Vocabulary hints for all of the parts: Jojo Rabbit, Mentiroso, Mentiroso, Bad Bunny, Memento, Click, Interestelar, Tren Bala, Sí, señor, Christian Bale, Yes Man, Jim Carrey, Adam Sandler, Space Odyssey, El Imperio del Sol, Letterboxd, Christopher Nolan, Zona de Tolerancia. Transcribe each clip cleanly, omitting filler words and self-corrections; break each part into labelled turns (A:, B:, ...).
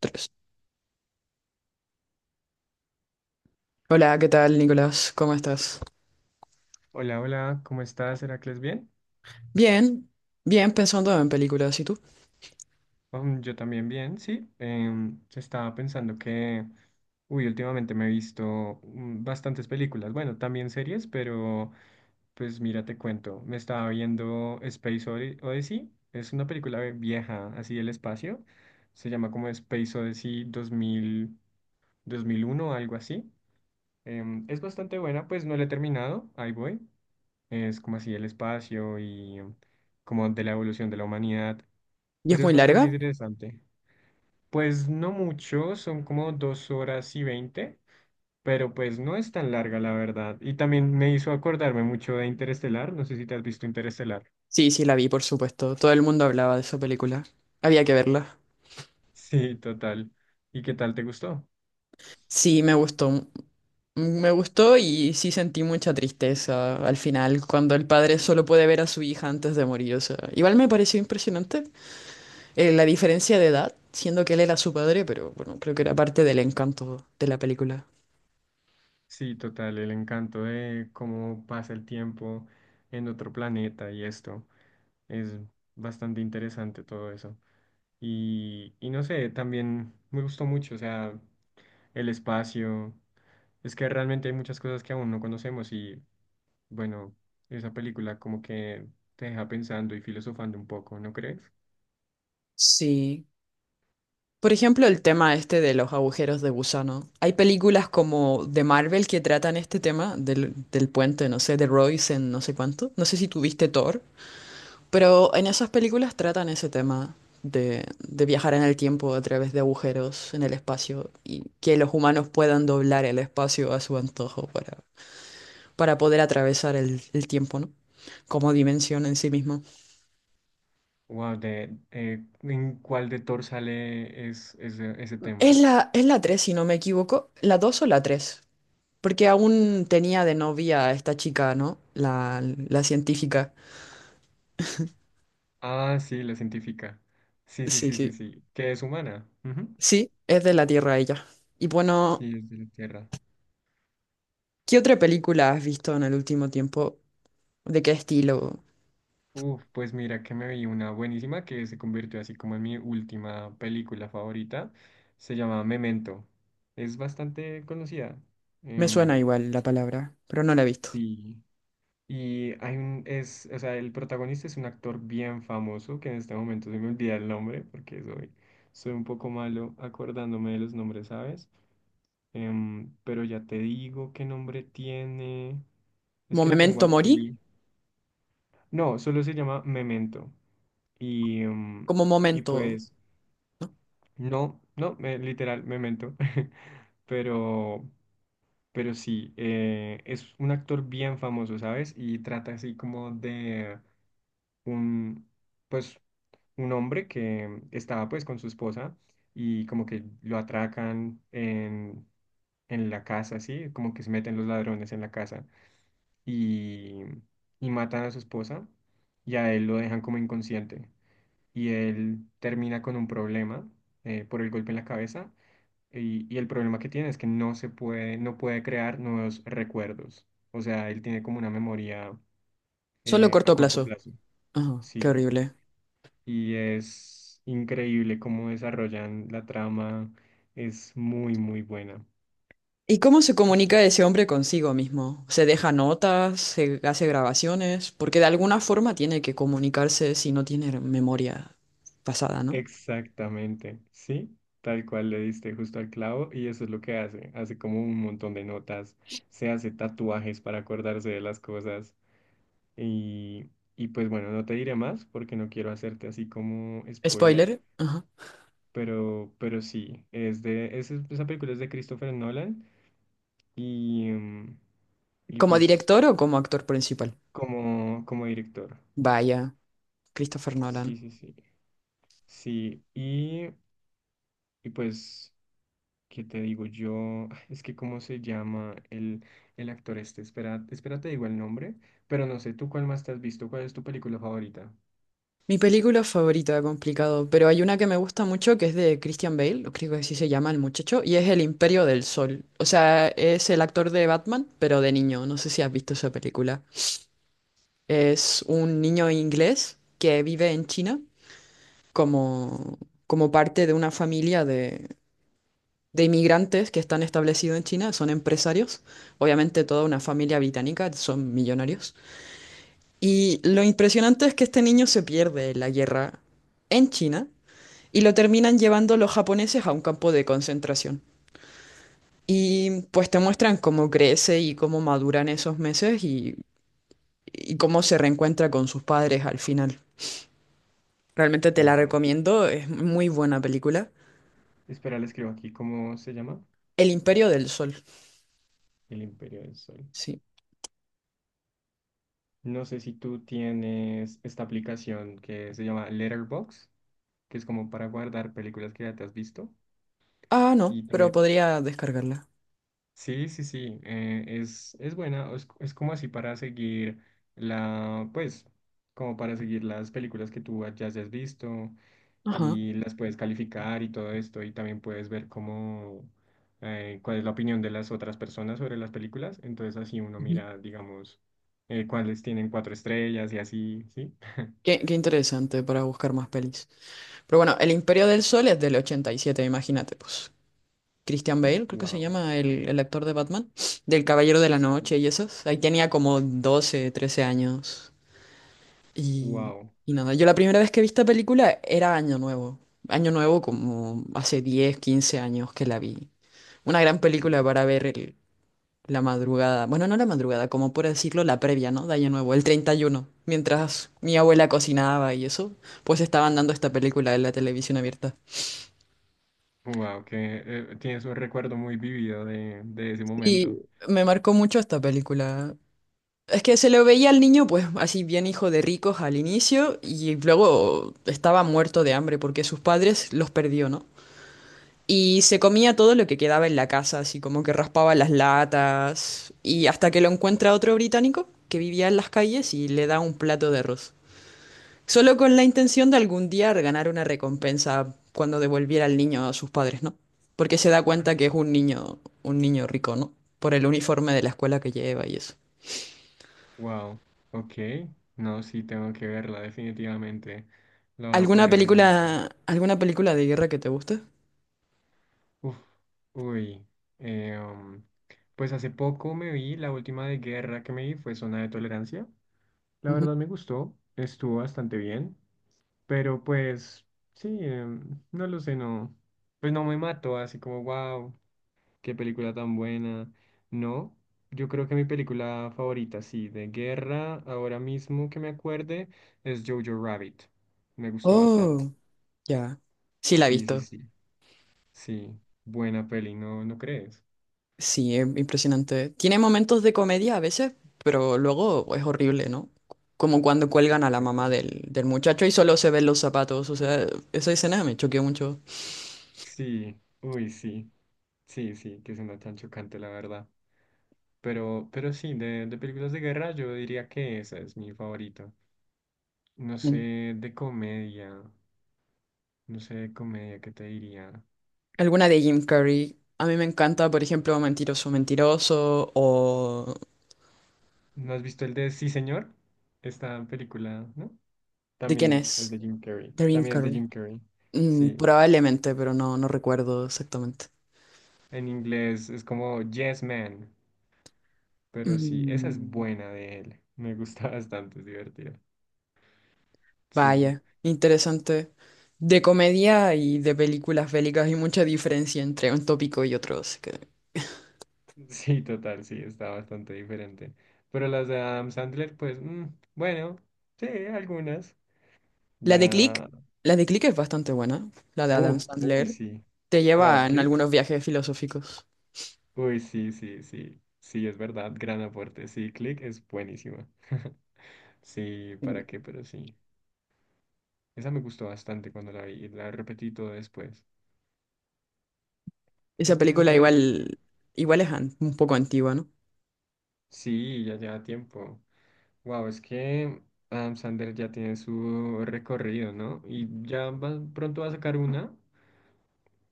A: Tres. Hola, ¿qué tal, Nicolás? ¿Cómo estás?
B: Hola, hola, ¿cómo estás, Heracles? ¿Bien?
A: Bien, bien, pensando en películas. ¿Y tú?
B: Yo también bien, sí. Estaba pensando que, uy, últimamente me he visto bastantes películas, bueno, también series, pero pues mira, te cuento, me estaba viendo Space Odyssey, es una película vieja, así del espacio. Se llama como Space Odyssey 2001, algo así. Es bastante buena, pues no la he terminado, ahí voy, es como así el espacio y como de la evolución de la humanidad,
A: ¿Y es
B: pero es
A: muy
B: bastante
A: larga?
B: interesante. Pues no mucho, son como 2 horas y 20, pero pues no es tan larga, la verdad. Y también me hizo acordarme mucho de Interestelar, no sé si te has visto Interestelar.
A: Sí, sí, la vi, por supuesto. Todo el mundo hablaba de esa película. Había que verla.
B: Sí, total. ¿Y qué tal te gustó?
A: Sí, me gustó. Me gustó y sí sentí mucha tristeza al final, cuando el padre solo puede ver a su hija antes de morir. O sea, igual me pareció impresionante la diferencia de edad, siendo que él era su padre, pero bueno, creo que era parte del encanto de la película.
B: Sí, total, el encanto de cómo pasa el tiempo en otro planeta y esto. Es bastante interesante todo eso. Y no sé, también me gustó mucho, o sea, el espacio. Es que realmente hay muchas cosas que aún no conocemos y, bueno, esa película como que te deja pensando y filosofando un poco, ¿no crees?
A: Sí. Por ejemplo, el tema este de los agujeros de gusano. Hay películas como de Marvel que tratan este tema del puente, no sé, de Royce en no sé cuánto. No sé si tuviste Thor, pero en esas películas tratan ese tema de viajar en el tiempo a través de agujeros en el espacio y que los humanos puedan doblar el espacio a su antojo para poder atravesar el tiempo, ¿no? Como dimensión en sí mismo.
B: Wow, ¿en cuál de Thor sale es, ese ese
A: Es
B: tema?
A: la, es la 3, si no me equivoco. ¿La 2 o la tres? Porque aún tenía de novia a esta chica, ¿no? La científica.
B: Ah, sí, la científica. Sí, sí,
A: Sí,
B: sí, sí,
A: sí.
B: sí. Que es humana. Ujú.
A: Sí, es de la Tierra ella. Y bueno,
B: Sí, es de la Tierra.
A: ¿qué otra película has visto en el último tiempo? ¿De qué estilo?
B: Uf, pues mira que me vi una buenísima que se convirtió así como en mi última película favorita. Se llama Memento. Es bastante conocida.
A: Me suena
B: Em,
A: igual la palabra, pero no la he visto.
B: sí. Y hay o sea, el protagonista es un actor bien famoso, que en este momento se me olvida el nombre, porque soy un poco malo acordándome de los nombres, ¿sabes? Pero ya te digo qué nombre tiene. Es
A: Como
B: que lo tengo
A: Memento Mori,
B: aquí. No, solo se llama Memento. Y, em,
A: como
B: y
A: momento,
B: pues,
A: ¿no?
B: no, no, literal, Memento. Pero, pero sí, es un actor bien famoso, ¿sabes? Y trata así como de un, pues, un hombre que estaba pues con su esposa y como que lo atracan en la casa, ¿sí? Como que se meten los ladrones en la casa y, y matan a su esposa y a él lo dejan como inconsciente y él termina con un problema, por el golpe en la cabeza, y el problema que tiene es que no puede crear nuevos recuerdos. O sea, él tiene como una memoria,
A: Solo
B: a
A: corto
B: corto
A: plazo.
B: plazo.
A: Ajá, qué
B: Sí,
A: horrible.
B: y es increíble cómo desarrollan la trama. Es muy, muy buena.
A: ¿Y cómo se
B: Sí.
A: comunica ese hombre consigo mismo? ¿Se deja notas? ¿Se hace grabaciones? Porque de alguna forma tiene que comunicarse si no tiene memoria pasada, ¿no?
B: Exactamente, sí, tal cual le diste justo al clavo y eso es lo que hace, como un montón de notas, se hace tatuajes para acordarse de las cosas, y, y pues bueno, no te diré más porque no quiero hacerte así como spoiler,
A: Spoiler. Ajá.
B: pero sí, esa película es de Christopher Nolan y, mm, y
A: ¿Como
B: pues
A: director o como actor principal?
B: como director.
A: Vaya, Christopher
B: Sí,
A: Nolan.
B: sí, sí. Sí, y pues, ¿qué te digo yo? Es que, ¿cómo se llama el actor este? Espera, espera, te digo el nombre, pero no sé, ¿tú cuál más te has visto? ¿Cuál es tu película favorita?
A: Mi película favorita, complicado, pero hay una que me gusta mucho que es de Christian Bale, o creo que así se llama el muchacho, y es El Imperio del Sol. O sea, es el actor de Batman, pero de niño. No sé si has visto esa película. Es un niño inglés que vive en China como, como parte de una familia de inmigrantes que están establecidos en China, son empresarios. Obviamente toda una familia británica, son millonarios. Y lo impresionante es que este niño se pierde en la guerra en China y lo terminan llevando los japoneses a un campo de concentración. Y pues te muestran cómo crece y cómo maduran esos meses y cómo se reencuentra con sus padres al final. Realmente te la
B: Wow.
A: recomiendo, es muy buena película.
B: Espera, le escribo aquí, ¿cómo se llama?
A: El Imperio del Sol,
B: El Imperio del Sol.
A: sí.
B: No sé si tú tienes esta aplicación que se llama Letterboxd, que es como para guardar películas que ya te has visto.
A: Ah, no,
B: Y
A: pero
B: también.
A: podría descargarla.
B: Sí, sí, sí, es buena, es como así para seguir pues, como para seguir las películas que tú ya hayas visto
A: Ajá.
B: y las puedes calificar y todo esto y también puedes ver cómo, cuál es la opinión de las otras personas sobre las películas, entonces así uno
A: Ujú.
B: mira, digamos, cuáles tienen cuatro estrellas y así, ¿sí?
A: Qué interesante para buscar más pelis. Pero bueno, El Imperio del Sol es del 87. Imagínate, pues. Christian Bale, creo que se
B: Wow,
A: llama el actor de Batman, del Caballero de la Noche y esos. Ahí tenía como 12, 13 años. Y,
B: wow,
A: y nada, yo la primera vez que vi esta película era Año Nuevo. Año Nuevo como hace 10, 15 años que la vi. Una gran película para ver la madrugada. Bueno, no la madrugada, como por decirlo, la previa, ¿no? De Año Nuevo, el 31. Mientras mi abuela cocinaba y eso, pues estaban dando esta película en la televisión abierta.
B: wow, que tienes un recuerdo muy vivido de ese
A: Y
B: momento.
A: me marcó mucho esta película. Es que se lo veía al niño, pues así bien hijo de ricos al inicio, y luego estaba muerto de hambre porque sus padres los perdió, ¿no? Y se comía todo lo que quedaba en la casa, así como que raspaba las latas, y hasta que lo encuentra otro británico que vivía en las calles y le da un plato de arroz. Solo con la intención de algún día ganar una recompensa cuando devolviera al niño a sus padres, ¿no? Porque se da cuenta que es un niño rico, ¿no? Por el uniforme de la escuela que lleva y eso.
B: Wow, ok. No, sí, tengo que verla, definitivamente. La voy a poner en mi lista.
A: Alguna película de guerra que te guste?
B: Uf, uy. eh, um, pues hace poco me vi, la última de guerra que me vi fue Zona de Tolerancia. La
A: Ujú.
B: verdad me gustó, estuvo bastante bien, pero pues sí, no lo sé, no. Pues no me mató, así como wow. Qué película tan buena. No, yo creo que mi película favorita, sí, de guerra, ahora mismo que me acuerde, es Jojo Rabbit. Me gustó bastante.
A: Oh, ya. Sí, la he
B: Sí, sí,
A: visto.
B: sí. Sí, buena peli, ¿no, no crees?
A: Sí, es impresionante. Tiene momentos de comedia a veces, pero luego es horrible, ¿no? Como cuando cuelgan a la
B: Exacto.
A: mamá del muchacho y solo se ven los zapatos. O sea, esa escena me choqueó mucho.
B: Sí, uy, sí. Sí, sí, que suena tan chocante, la verdad. Pero sí, de películas de guerra, yo diría que esa es mi favorita. No sé,
A: En-
B: de comedia. No sé, de comedia, ¿qué te diría?
A: Alguna de Jim Carrey. A mí me encanta, por ejemplo, Mentiroso, Mentiroso o...
B: ¿No has visto el de Sí, señor? Esta película, ¿no?
A: ¿De quién
B: También es
A: es?
B: de Jim Carrey.
A: De Jim
B: También es de
A: Carrey.
B: Jim Carrey. Sí.
A: Probablemente, pero no, no recuerdo exactamente.
B: En inglés es como Yes Man. Pero sí, esa es
A: Mm,
B: buena de él. Me gusta bastante, es divertida. Sí.
A: Vaya, interesante. De comedia y de películas bélicas hay mucha diferencia entre un tópico y otro. Así que-
B: Sí, total, sí, está bastante diferente. Pero las de Adam Sandler, pues, bueno, sí, algunas.
A: La de Click,
B: Ya.
A: la de Click es bastante buena, la de
B: Uf,
A: Adam
B: uy,
A: Sandler.
B: sí.
A: Te lleva
B: Wow,
A: en algunos viajes filosóficos.
B: uy, sí, sí, sí. Sí, es verdad. Gran aporte. Sí, Click es buenísima. Sí,
A: Y
B: ¿para qué? Pero sí. Esa me gustó bastante cuando la vi. La repetí todo después. Es
A: esa
B: que es esta
A: película
B: película que no-
A: igual, es un poco antigua, ¿no?
B: Sí, ya lleva tiempo. Wow, es que Adam Sandler ya tiene su recorrido, ¿no? Y pronto va a sacar una.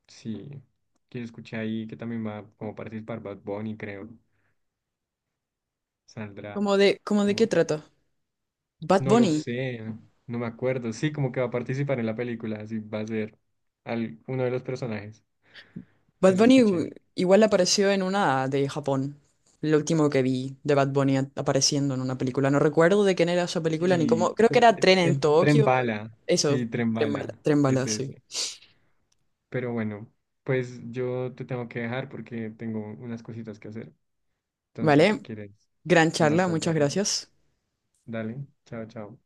B: Sí. Que escuché ahí que también va como participar Bad Bunny, creo. Saldrá.
A: cómo de qué trata? Bad
B: No lo
A: Bunny.
B: sé, no me acuerdo. Sí, como que va a participar en la película, así va a ser uno de los personajes.
A: Bad
B: Eso
A: Bunny
B: escuché.
A: igual apareció en una de Japón. Lo último que vi de Bad Bunny apareciendo en una película. No recuerdo de quién era esa película ni
B: Y
A: cómo. Creo que era
B: el,
A: Tren en
B: el tren
A: Tokio.
B: bala,
A: Eso,
B: sí, tren
A: Tren
B: bala,
A: Bala, Tren
B: es
A: Bala, sí.
B: ese. Pero bueno, pues yo te tengo que dejar porque tengo unas cositas que hacer. Entonces, si
A: Vale,
B: quieres,
A: gran
B: más
A: charla,
B: tarde
A: muchas
B: hablamos.
A: gracias.
B: Dale, chao, chao.